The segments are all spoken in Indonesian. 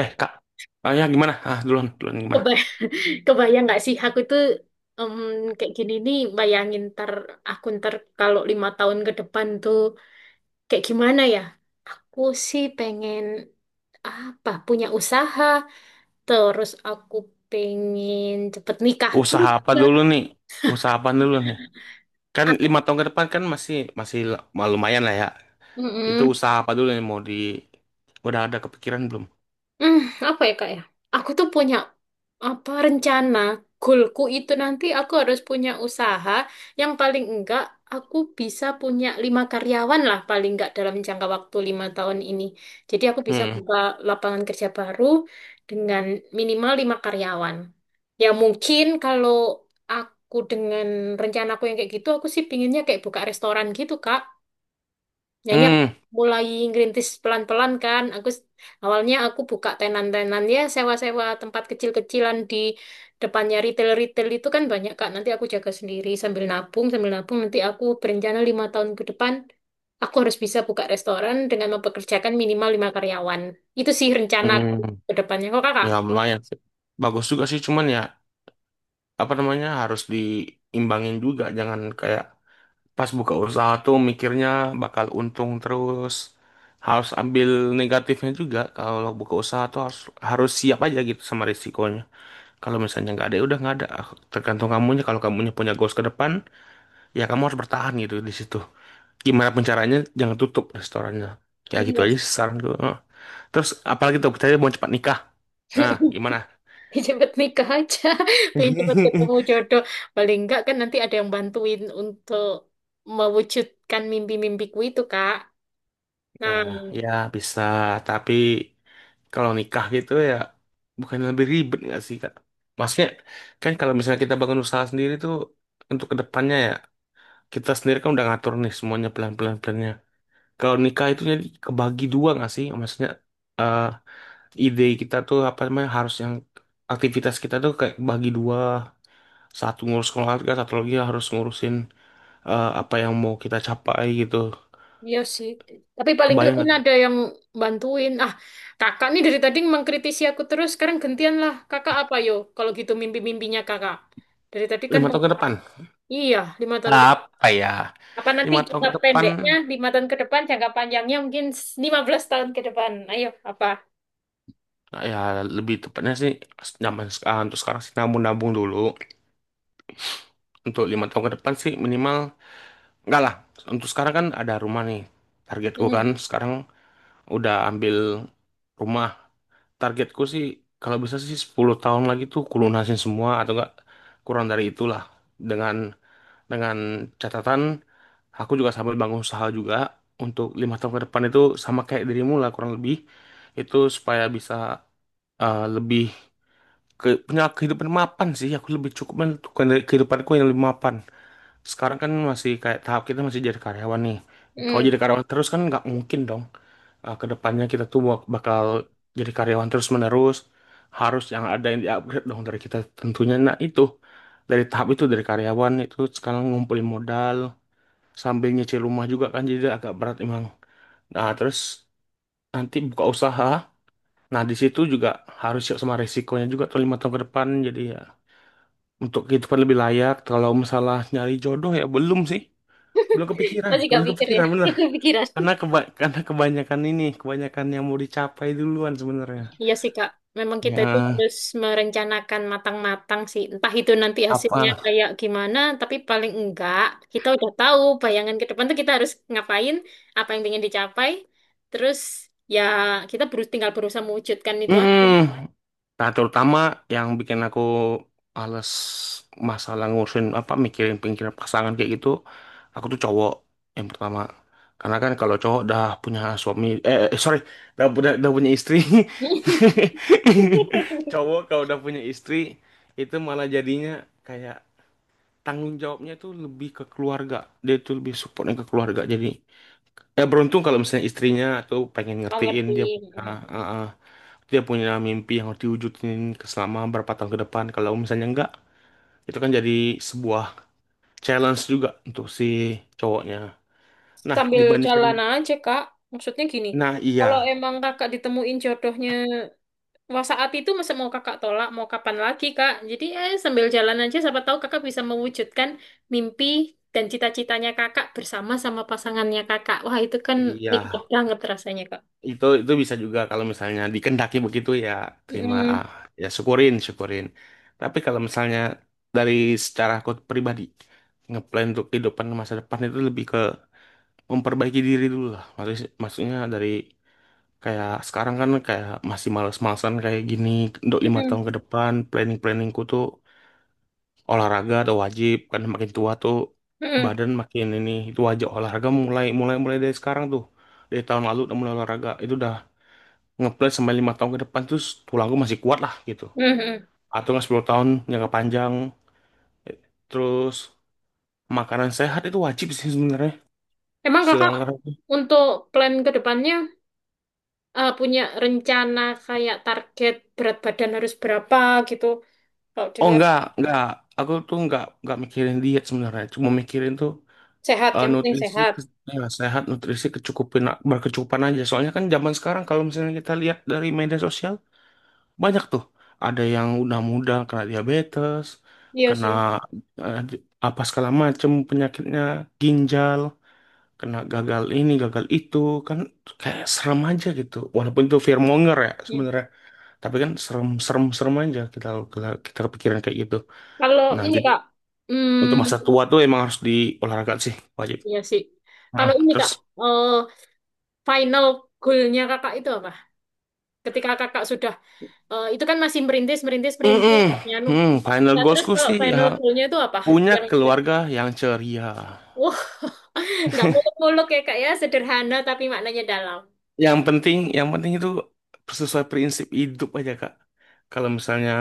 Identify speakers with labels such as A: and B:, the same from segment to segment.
A: Eh kak, ya gimana? Duluan gimana?
B: kebay kebayang nggak sih aku itu em, kayak gini nih bayangin ntar aku ntar kalau 5 tahun ke depan tuh kayak gimana ya? Aku sih pengen apa punya usaha, terus aku pengen cepet nikah
A: Usaha apa
B: juga.
A: dulu nih? Usaha apa dulu nih? Kan 5 tahun ke depan kan masih masih lumayan lah ya. Itu
B: Mm-mm.
A: usaha apa dulu yang mau di? Udah ada kepikiran belum?
B: Hmm, apa ya kak ya? Aku tuh punya apa rencana goalku itu nanti aku harus punya usaha yang paling enggak aku bisa punya lima karyawan lah paling enggak dalam jangka waktu 5 tahun ini. Jadi aku bisa
A: Hmm,
B: buka lapangan kerja baru dengan minimal lima karyawan. Ya mungkin kalau aku dengan rencanaku yang kayak gitu aku sih pinginnya kayak buka restoran gitu kak. Nah, ini aku
A: hmm,
B: mulai ngerintis pelan-pelan kan. Awalnya aku buka tenan-tenan ya, sewa-sewa tempat kecil-kecilan di depannya retail-retail itu kan banyak Kak. Nanti aku jaga sendiri sambil nabung nanti aku berencana 5 tahun ke depan aku harus bisa buka restoran dengan mempekerjakan minimal lima karyawan. Itu sih rencana
A: hmm.
B: ke depannya. Kok Kakak?
A: Ya lumayan sih. Bagus juga sih, cuman ya apa namanya harus diimbangin juga. Jangan kayak pas buka usaha tuh mikirnya bakal untung terus. Harus ambil negatifnya juga. Kalau buka usaha tuh harus harus siap aja gitu sama risikonya. Kalau misalnya nggak ada, ya udah nggak ada. Tergantung kamunya. Kalau kamunya punya goals ke depan, ya kamu harus bertahan gitu di situ. Gimana pun caranya, jangan tutup restorannya. Ya gitu
B: Iya.
A: aja sih saran gue. Heeh. Terus apalagi tuh, saya mau cepat nikah. Nah, gimana?
B: Ya cepet nikah aja, pengen cepet ketemu jodoh. Paling enggak kan nanti ada yang bantuin untuk mewujudkan mimpi-mimpiku itu, Kak.
A: Ya,
B: Nah,
A: ya bisa. Tapi kalau nikah gitu ya, bukan lebih ribet nggak sih, Kak? Maksudnya, kan kalau misalnya kita bangun usaha sendiri tuh, untuk kedepannya ya, kita sendiri kan udah ngatur nih semuanya pelan-pelan-pelannya. Kalau nikah itu jadi kebagi dua nggak sih? Maksudnya eh ide kita tuh apa namanya harus yang aktivitas kita tuh kayak bagi dua, satu ngurus keluarga, satu lagi harus ngurusin apa yang mau kita capai gitu.
B: iya sih. Tapi paling enggak
A: Kebayang
B: kan
A: nggak?
B: ada yang bantuin. Ah, kakak nih dari tadi mengkritisi aku terus. Sekarang gantian lah. Kakak apa yo? Kalau gitu mimpi-mimpinya kakak. Dari tadi kan
A: 5 tahun ke
B: kakak.
A: depan.
B: Iya, 5 tahun ke.
A: Apa ya?
B: Apa nanti
A: 5 tahun
B: jangka
A: ke depan,
B: pendeknya, 5 tahun ke depan, jangka panjangnya mungkin 15 tahun ke depan. Ayo, apa?
A: nah ya, lebih tepatnya sih zaman sekarang, untuk sekarang sih nabung-nabung dulu. Untuk 5 tahun ke depan sih minimal enggak lah. Untuk sekarang kan ada rumah nih, targetku
B: Hmm.
A: kan sekarang udah ambil rumah, targetku sih kalau bisa sih 10 tahun lagi tuh kulunasin semua atau enggak kurang dari itulah, dengan dengan catatan aku juga sambil bangun usaha juga untuk 5 tahun ke depan itu sama kayak dirimu lah kurang lebih, itu supaya bisa lebih ke, punya kehidupan mapan sih, aku lebih cukup menentukan dari kehidupanku yang lebih mapan. Sekarang kan masih kayak tahap kita masih jadi karyawan nih. Kalau jadi
B: Hmm.
A: karyawan terus kan nggak mungkin dong. Kedepannya kita tuh bakal jadi karyawan terus menerus. Harus yang ada yang di-upgrade dong dari kita tentunya. Nah itu, dari tahap itu dari karyawan itu sekarang ngumpulin modal sambil nyicil rumah juga kan jadi agak berat emang. Nah terus nanti buka usaha. Nah di situ juga harus siap sama resikonya juga tuh 5 tahun ke depan. Jadi ya, untuk kehidupan lebih layak. Kalau masalah nyari jodoh ya belum sih, belum kepikiran,
B: Masih gak
A: belum
B: pikir ya?
A: kepikiran bener
B: Gak kepikiran.
A: karena karena kebanyakan ini kebanyakan yang mau dicapai duluan sebenarnya.
B: Iya sih Kak, memang kita itu
A: Ya.
B: harus merencanakan matang-matang sih. Entah itu nanti hasilnya
A: Apa.
B: kayak gimana, tapi paling enggak kita udah tahu bayangan ke depan tuh kita harus ngapain, apa yang ingin dicapai. Terus ya kita berus tinggal berusaha mewujudkan itu aja.
A: Mm-mm. Nah, terutama yang bikin aku males masalah ngurusin apa, mikirin pikiran pasangan kayak gitu, aku tuh cowok yang pertama. Karena kan kalau cowok udah punya suami, sorry, udah punya istri, cowok kalau udah punya istri itu malah jadinya kayak, tanggung jawabnya itu lebih ke keluarga. Dia itu lebih supportnya ke keluarga. Jadi ya beruntung kalau misalnya istrinya atau pengen
B: Nggak
A: ngertiin
B: ngerti.
A: dia punya
B: Mm.
A: uh, uh, dia punya mimpi yang harus diwujudin ke selama berapa tahun ke depan. Kalau misalnya enggak, itu kan jadi sebuah challenge juga untuk si cowoknya. Nah,
B: Sambil
A: dibandingkan,
B: jalan aja, Kak. Maksudnya gini,
A: nah
B: kalau
A: iya,
B: emang kakak ditemuin jodohnya. Wah, saat itu masa mau kakak tolak, mau kapan lagi, Kak? Jadi, eh, sambil jalan aja, siapa tahu kakak bisa mewujudkan mimpi dan cita-citanya kakak bersama sama pasangannya kakak. Wah, itu kan
A: iya
B: nikmat banget rasanya, Kak.
A: itu bisa juga kalau misalnya dikendaki begitu ya, terima
B: Mm,
A: ya, syukurin syukurin. Tapi kalau misalnya, dari secara aku pribadi, ngeplan untuk kehidupan masa depan itu lebih ke memperbaiki diri dulu lah, maksudnya, maksudnya dari, kayak sekarang kan kayak masih males-malesan kayak gini, untuk lima
B: mm,
A: tahun ke depan planning-planningku tuh olahraga. Atau wajib kan makin tua tuh
B: mm,
A: badan makin ini itu, wajib olahraga mulai mulai mulai dari sekarang tuh. Dari tahun lalu udah mulai olahraga, itu udah ngeplay sampai 5 tahun ke depan terus tulang gue masih kuat lah gitu,
B: mm, mm.
A: atau nggak 10 tahun jangka panjang. Eh, terus makanan sehat itu wajib sih sebenarnya,
B: Emang kakak
A: selera itu.
B: untuk plan ke depannya eh, punya rencana kayak target berat badan harus berapa gitu? Kalau
A: oh
B: dilihat
A: enggak enggak aku tuh enggak mikirin diet sebenarnya, cuma mikirin tuh
B: sehat, yang penting
A: nutrisi
B: sehat.
A: ya, sehat, nutrisi kecukupin, berkecukupan aja. Soalnya kan zaman sekarang kalau misalnya kita lihat dari media sosial, banyak tuh ada yang udah muda kena diabetes,
B: Iya
A: kena
B: sih.
A: eh, apa, segala macem penyakitnya, ginjal, kena gagal ini gagal itu, kan kayak serem aja gitu walaupun itu fearmonger ya
B: Iya.
A: sebenarnya, tapi kan serem serem serem aja. Kita kita kepikiran kayak gitu.
B: Kalau
A: Nah
B: ini,
A: jadi
B: Kak,
A: untuk masa
B: hmm,
A: tua tuh emang harus diolahraga sih, wajib.
B: iya sih.
A: Heeh,
B: Kalau ini
A: terus
B: Kak, eh, final goalnya Kakak itu apa? Ketika Kakak sudah, eh, itu kan masih merintis, merintis, merintis,
A: mm-mm.
B: nyanu.
A: Hmm, final
B: Nah, terus
A: goalsku
B: kalau
A: sih, ya
B: final goalnya itu apa?
A: punya
B: Yang udah,
A: keluarga yang ceria.
B: wah, nggak muluk-muluk ya Kak ya, sederhana tapi maknanya dalam.
A: yang penting itu sesuai prinsip hidup aja kak. Kalau misalnya,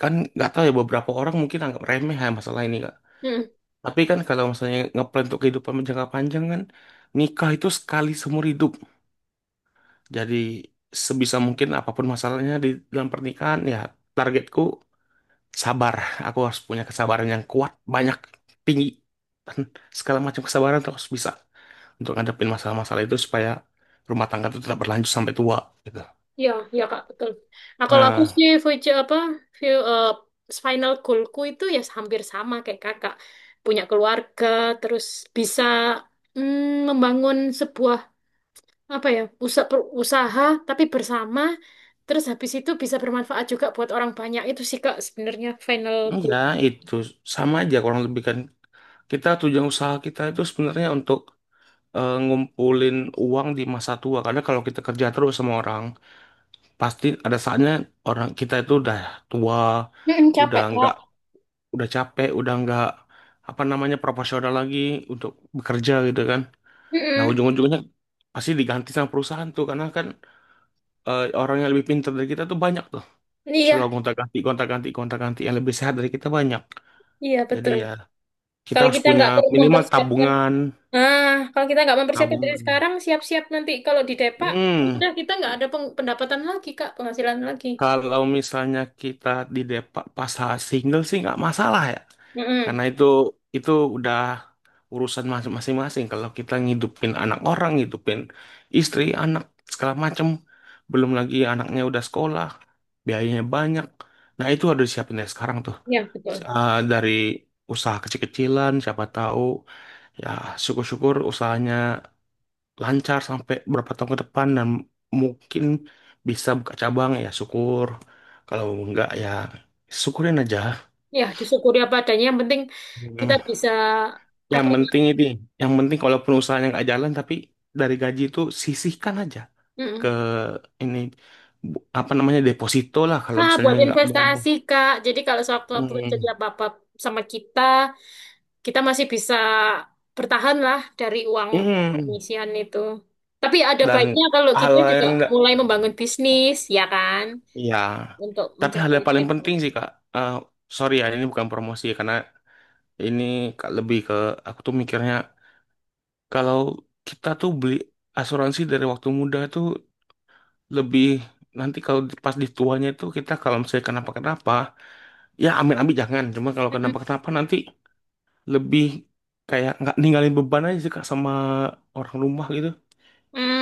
A: kan nggak tahu ya, beberapa orang mungkin anggap remeh ya masalah ini.
B: Hmm,
A: Tapi kan kalau misalnya ngeplan untuk kehidupan jangka panjang kan, nikah itu sekali seumur hidup. Jadi sebisa mungkin apapun masalahnya di dalam pernikahan ya, targetku sabar. Aku harus punya kesabaran yang kuat, banyak, tinggi, dan segala macam kesabaran, terus bisa untuk ngadepin masalah-masalah itu supaya rumah tangga itu tetap berlanjut sampai tua gitu.
B: ya iya Kak, betul. Nah, kalau aku
A: Nah,
B: sih, future apa, view, eh, final goalku itu ya hampir sama kayak Kakak. Punya keluarga, terus bisa mm, membangun sebuah apa ya usaha, usaha tapi bersama terus habis itu bisa bermanfaat juga buat orang banyak itu sih kak sebenarnya finalku.
A: iya, itu sama aja kurang lebih kan, kita, tujuan usaha kita itu sebenarnya untuk ngumpulin uang di masa tua. Karena kalau kita kerja terus sama orang, pasti ada saatnya orang, kita itu udah tua,
B: Mm-mm,
A: udah
B: capek
A: nggak,
B: kak.
A: udah capek, udah nggak apa namanya, proporsional lagi untuk bekerja gitu kan. Nah
B: Mm-mm.
A: ujung-ujungnya pasti diganti sama perusahaan tuh, karena kan orang yang lebih pintar dari kita tuh banyak tuh.
B: Iya.
A: Selalu gonta-ganti, gonta-ganti, gonta-ganti, yang lebih sehat dari kita banyak.
B: Iya
A: Jadi
B: betul.
A: ya, kita
B: Kalau
A: harus
B: kita
A: punya
B: nggak perlu
A: minimal
B: mempersiapkan
A: tabungan,
B: ah kalau kita nggak mempersiapkan dari
A: tabungan.
B: sekarang siap-siap nanti kalau di depak
A: Hmm.
B: udah kita nggak ada pendapatan lagi kak penghasilan lagi.
A: Kalau misalnya kita di Depak pas single sih nggak masalah ya,
B: Mm-mm.
A: karena itu udah urusan masing-masing. Kalau kita ngidupin anak orang, ngidupin istri, anak segala macem, belum lagi anaknya udah sekolah, biayanya banyak. Nah itu harus disiapin dari sekarang tuh,
B: Ya betul.
A: Dari usaha kecil-kecilan, siapa tahu ya syukur-syukur usahanya lancar sampai berapa tahun ke depan dan mungkin bisa buka cabang, ya syukur. Kalau enggak ya syukurin aja.
B: Ya disyukuri apa adanya yang penting kita
A: Hmm.
B: bisa
A: Yang
B: apa ya,
A: penting ini, yang penting kalaupun usahanya nggak jalan, tapi dari gaji itu sisihkan aja ke ini, apa namanya, deposito lah kalau
B: nah,
A: misalnya
B: buat
A: nggak mau.
B: investasi, Kak. Jadi kalau sewaktu-waktu terjadi
A: Hmm.
B: apa-apa sama kita, kita masih bisa bertahan lah dari uang
A: Hmm.
B: pengisian itu. Tapi ada
A: Dan
B: baiknya kalau
A: hal
B: kita juga
A: yang nggak,
B: mulai membangun bisnis, ya kan?
A: ya,
B: Untuk
A: tapi hal
B: mencapai
A: yang paling
B: financial.
A: penting sih Kak. Eh sorry ya, ini bukan promosi ya, karena ini Kak, lebih ke, aku tuh mikirnya, kalau kita tuh beli asuransi dari waktu muda tuh lebih, nanti kalau pas di tuanya itu, kita kalau misalnya kenapa-kenapa, ya amin-amin jangan. Cuma kalau
B: Hmm.
A: kenapa-kenapa nanti lebih kayak nggak ninggalin beban aja sih Kak, sama orang rumah gitu.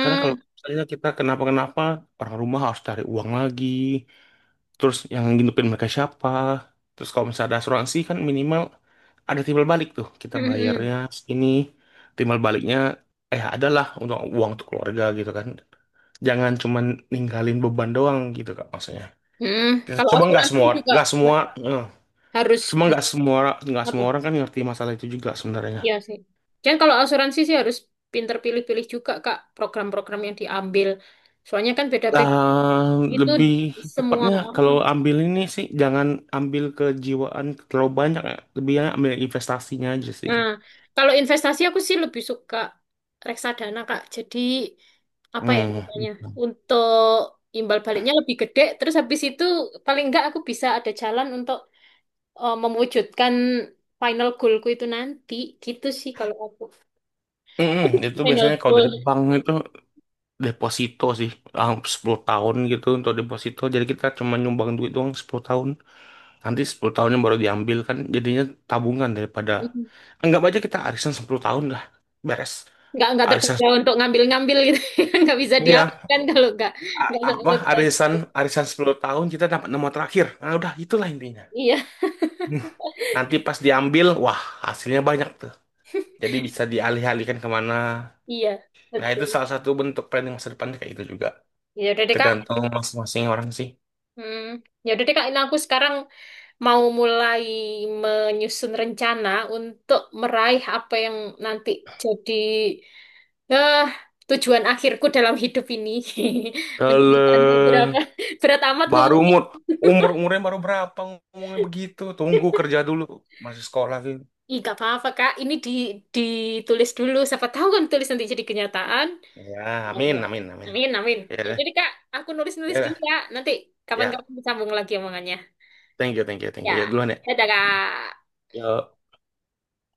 A: Karena kalau misalnya kita kenapa-kenapa, orang rumah harus cari uang lagi. Terus yang ngidupin mereka siapa? Terus kalau misalnya ada asuransi kan, minimal ada timbal balik tuh, kita
B: Hmm. Hmm.
A: bayarnya ini, timbal baliknya adalah untuk uang untuk keluarga gitu kan. Jangan cuman ninggalin beban doang gitu kak, maksudnya,
B: Hmm. Kalau
A: coba,
B: asuransi juga
A: nggak semua eh,
B: harus
A: cuma nggak semua nggak
B: apa?
A: semua orang kan ngerti masalah itu juga sebenarnya.
B: Iya sih. Dan kalau asuransi sih harus pinter pilih-pilih juga, Kak, program-program yang diambil. Soalnya kan beda-beda.
A: Lah
B: Itu
A: lebih
B: semua
A: tepatnya,
B: orang.
A: kalau ambil ini sih jangan ambil kejiwaan terlalu banyak ya, lebih enak ambil investasinya aja sih.
B: Nah, kalau investasi aku sih lebih suka reksadana, Kak. Jadi apa ya
A: Hmm.
B: namanya?
A: Gitu.
B: Untuk imbal baliknya lebih gede, terus habis itu paling enggak aku bisa ada jalan untuk eh, mewujudkan final goalku itu nanti. Gitu sih kalau aku.
A: Mm-mm, itu
B: Final
A: biasanya kalau dari
B: goal.
A: bank itu deposito sih 10 tahun gitu untuk deposito, jadi kita cuma nyumbang duit doang 10 tahun, nanti 10 tahunnya baru diambil kan, jadinya tabungan. Daripada, anggap aja kita arisan 10 tahun dah beres.
B: Nggak
A: Arisan
B: terkerja untuk ngambil-ngambil gitu. Nggak bisa
A: ya,
B: diapakan kalau nggak sampai
A: apa,
B: ke tahun.
A: arisan arisan 10 tahun, kita dapat nomor terakhir, nah udah, itulah intinya.
B: Iya,
A: Hmm. Nanti pas diambil wah, hasilnya banyak tuh, jadi bisa dialih-alihkan kemana.
B: iya,
A: Nah itu
B: betul.
A: salah satu bentuk planning masa depan kayak itu juga,
B: Ya udah deh, Kak.
A: tergantung masing-masing orang sih.
B: Hmm, ya udah deh Kak, ini aku sekarang mau mulai menyusun rencana untuk meraih apa yang nanti jadi eh, tujuan akhirku dalam hidup ini. Mendirikan
A: Kalau
B: beberapa berat amat
A: Baru
B: ngomongnya.
A: umur, umurnya baru berapa ngomongnya begitu? Tunggu kerja dulu, masih sekolah sih.
B: Ih, gak apa-apa Kak, ini di, ditulis dulu. Siapa tahu kan tulis nanti jadi kenyataan.
A: Ya,
B: Iya.
A: amin, amin, amin.
B: Amin, amin.
A: Ya,
B: Ya
A: deh,
B: jadi Kak, aku nulis-nulis
A: ya, deh.
B: dulu Kak. Nanti
A: Ya.
B: kapan-kapan disambung lagi omongannya.
A: Thank you, thank you, thank you.
B: Ya,
A: Ya duluan ya.
B: dadah Kak.
A: Yo.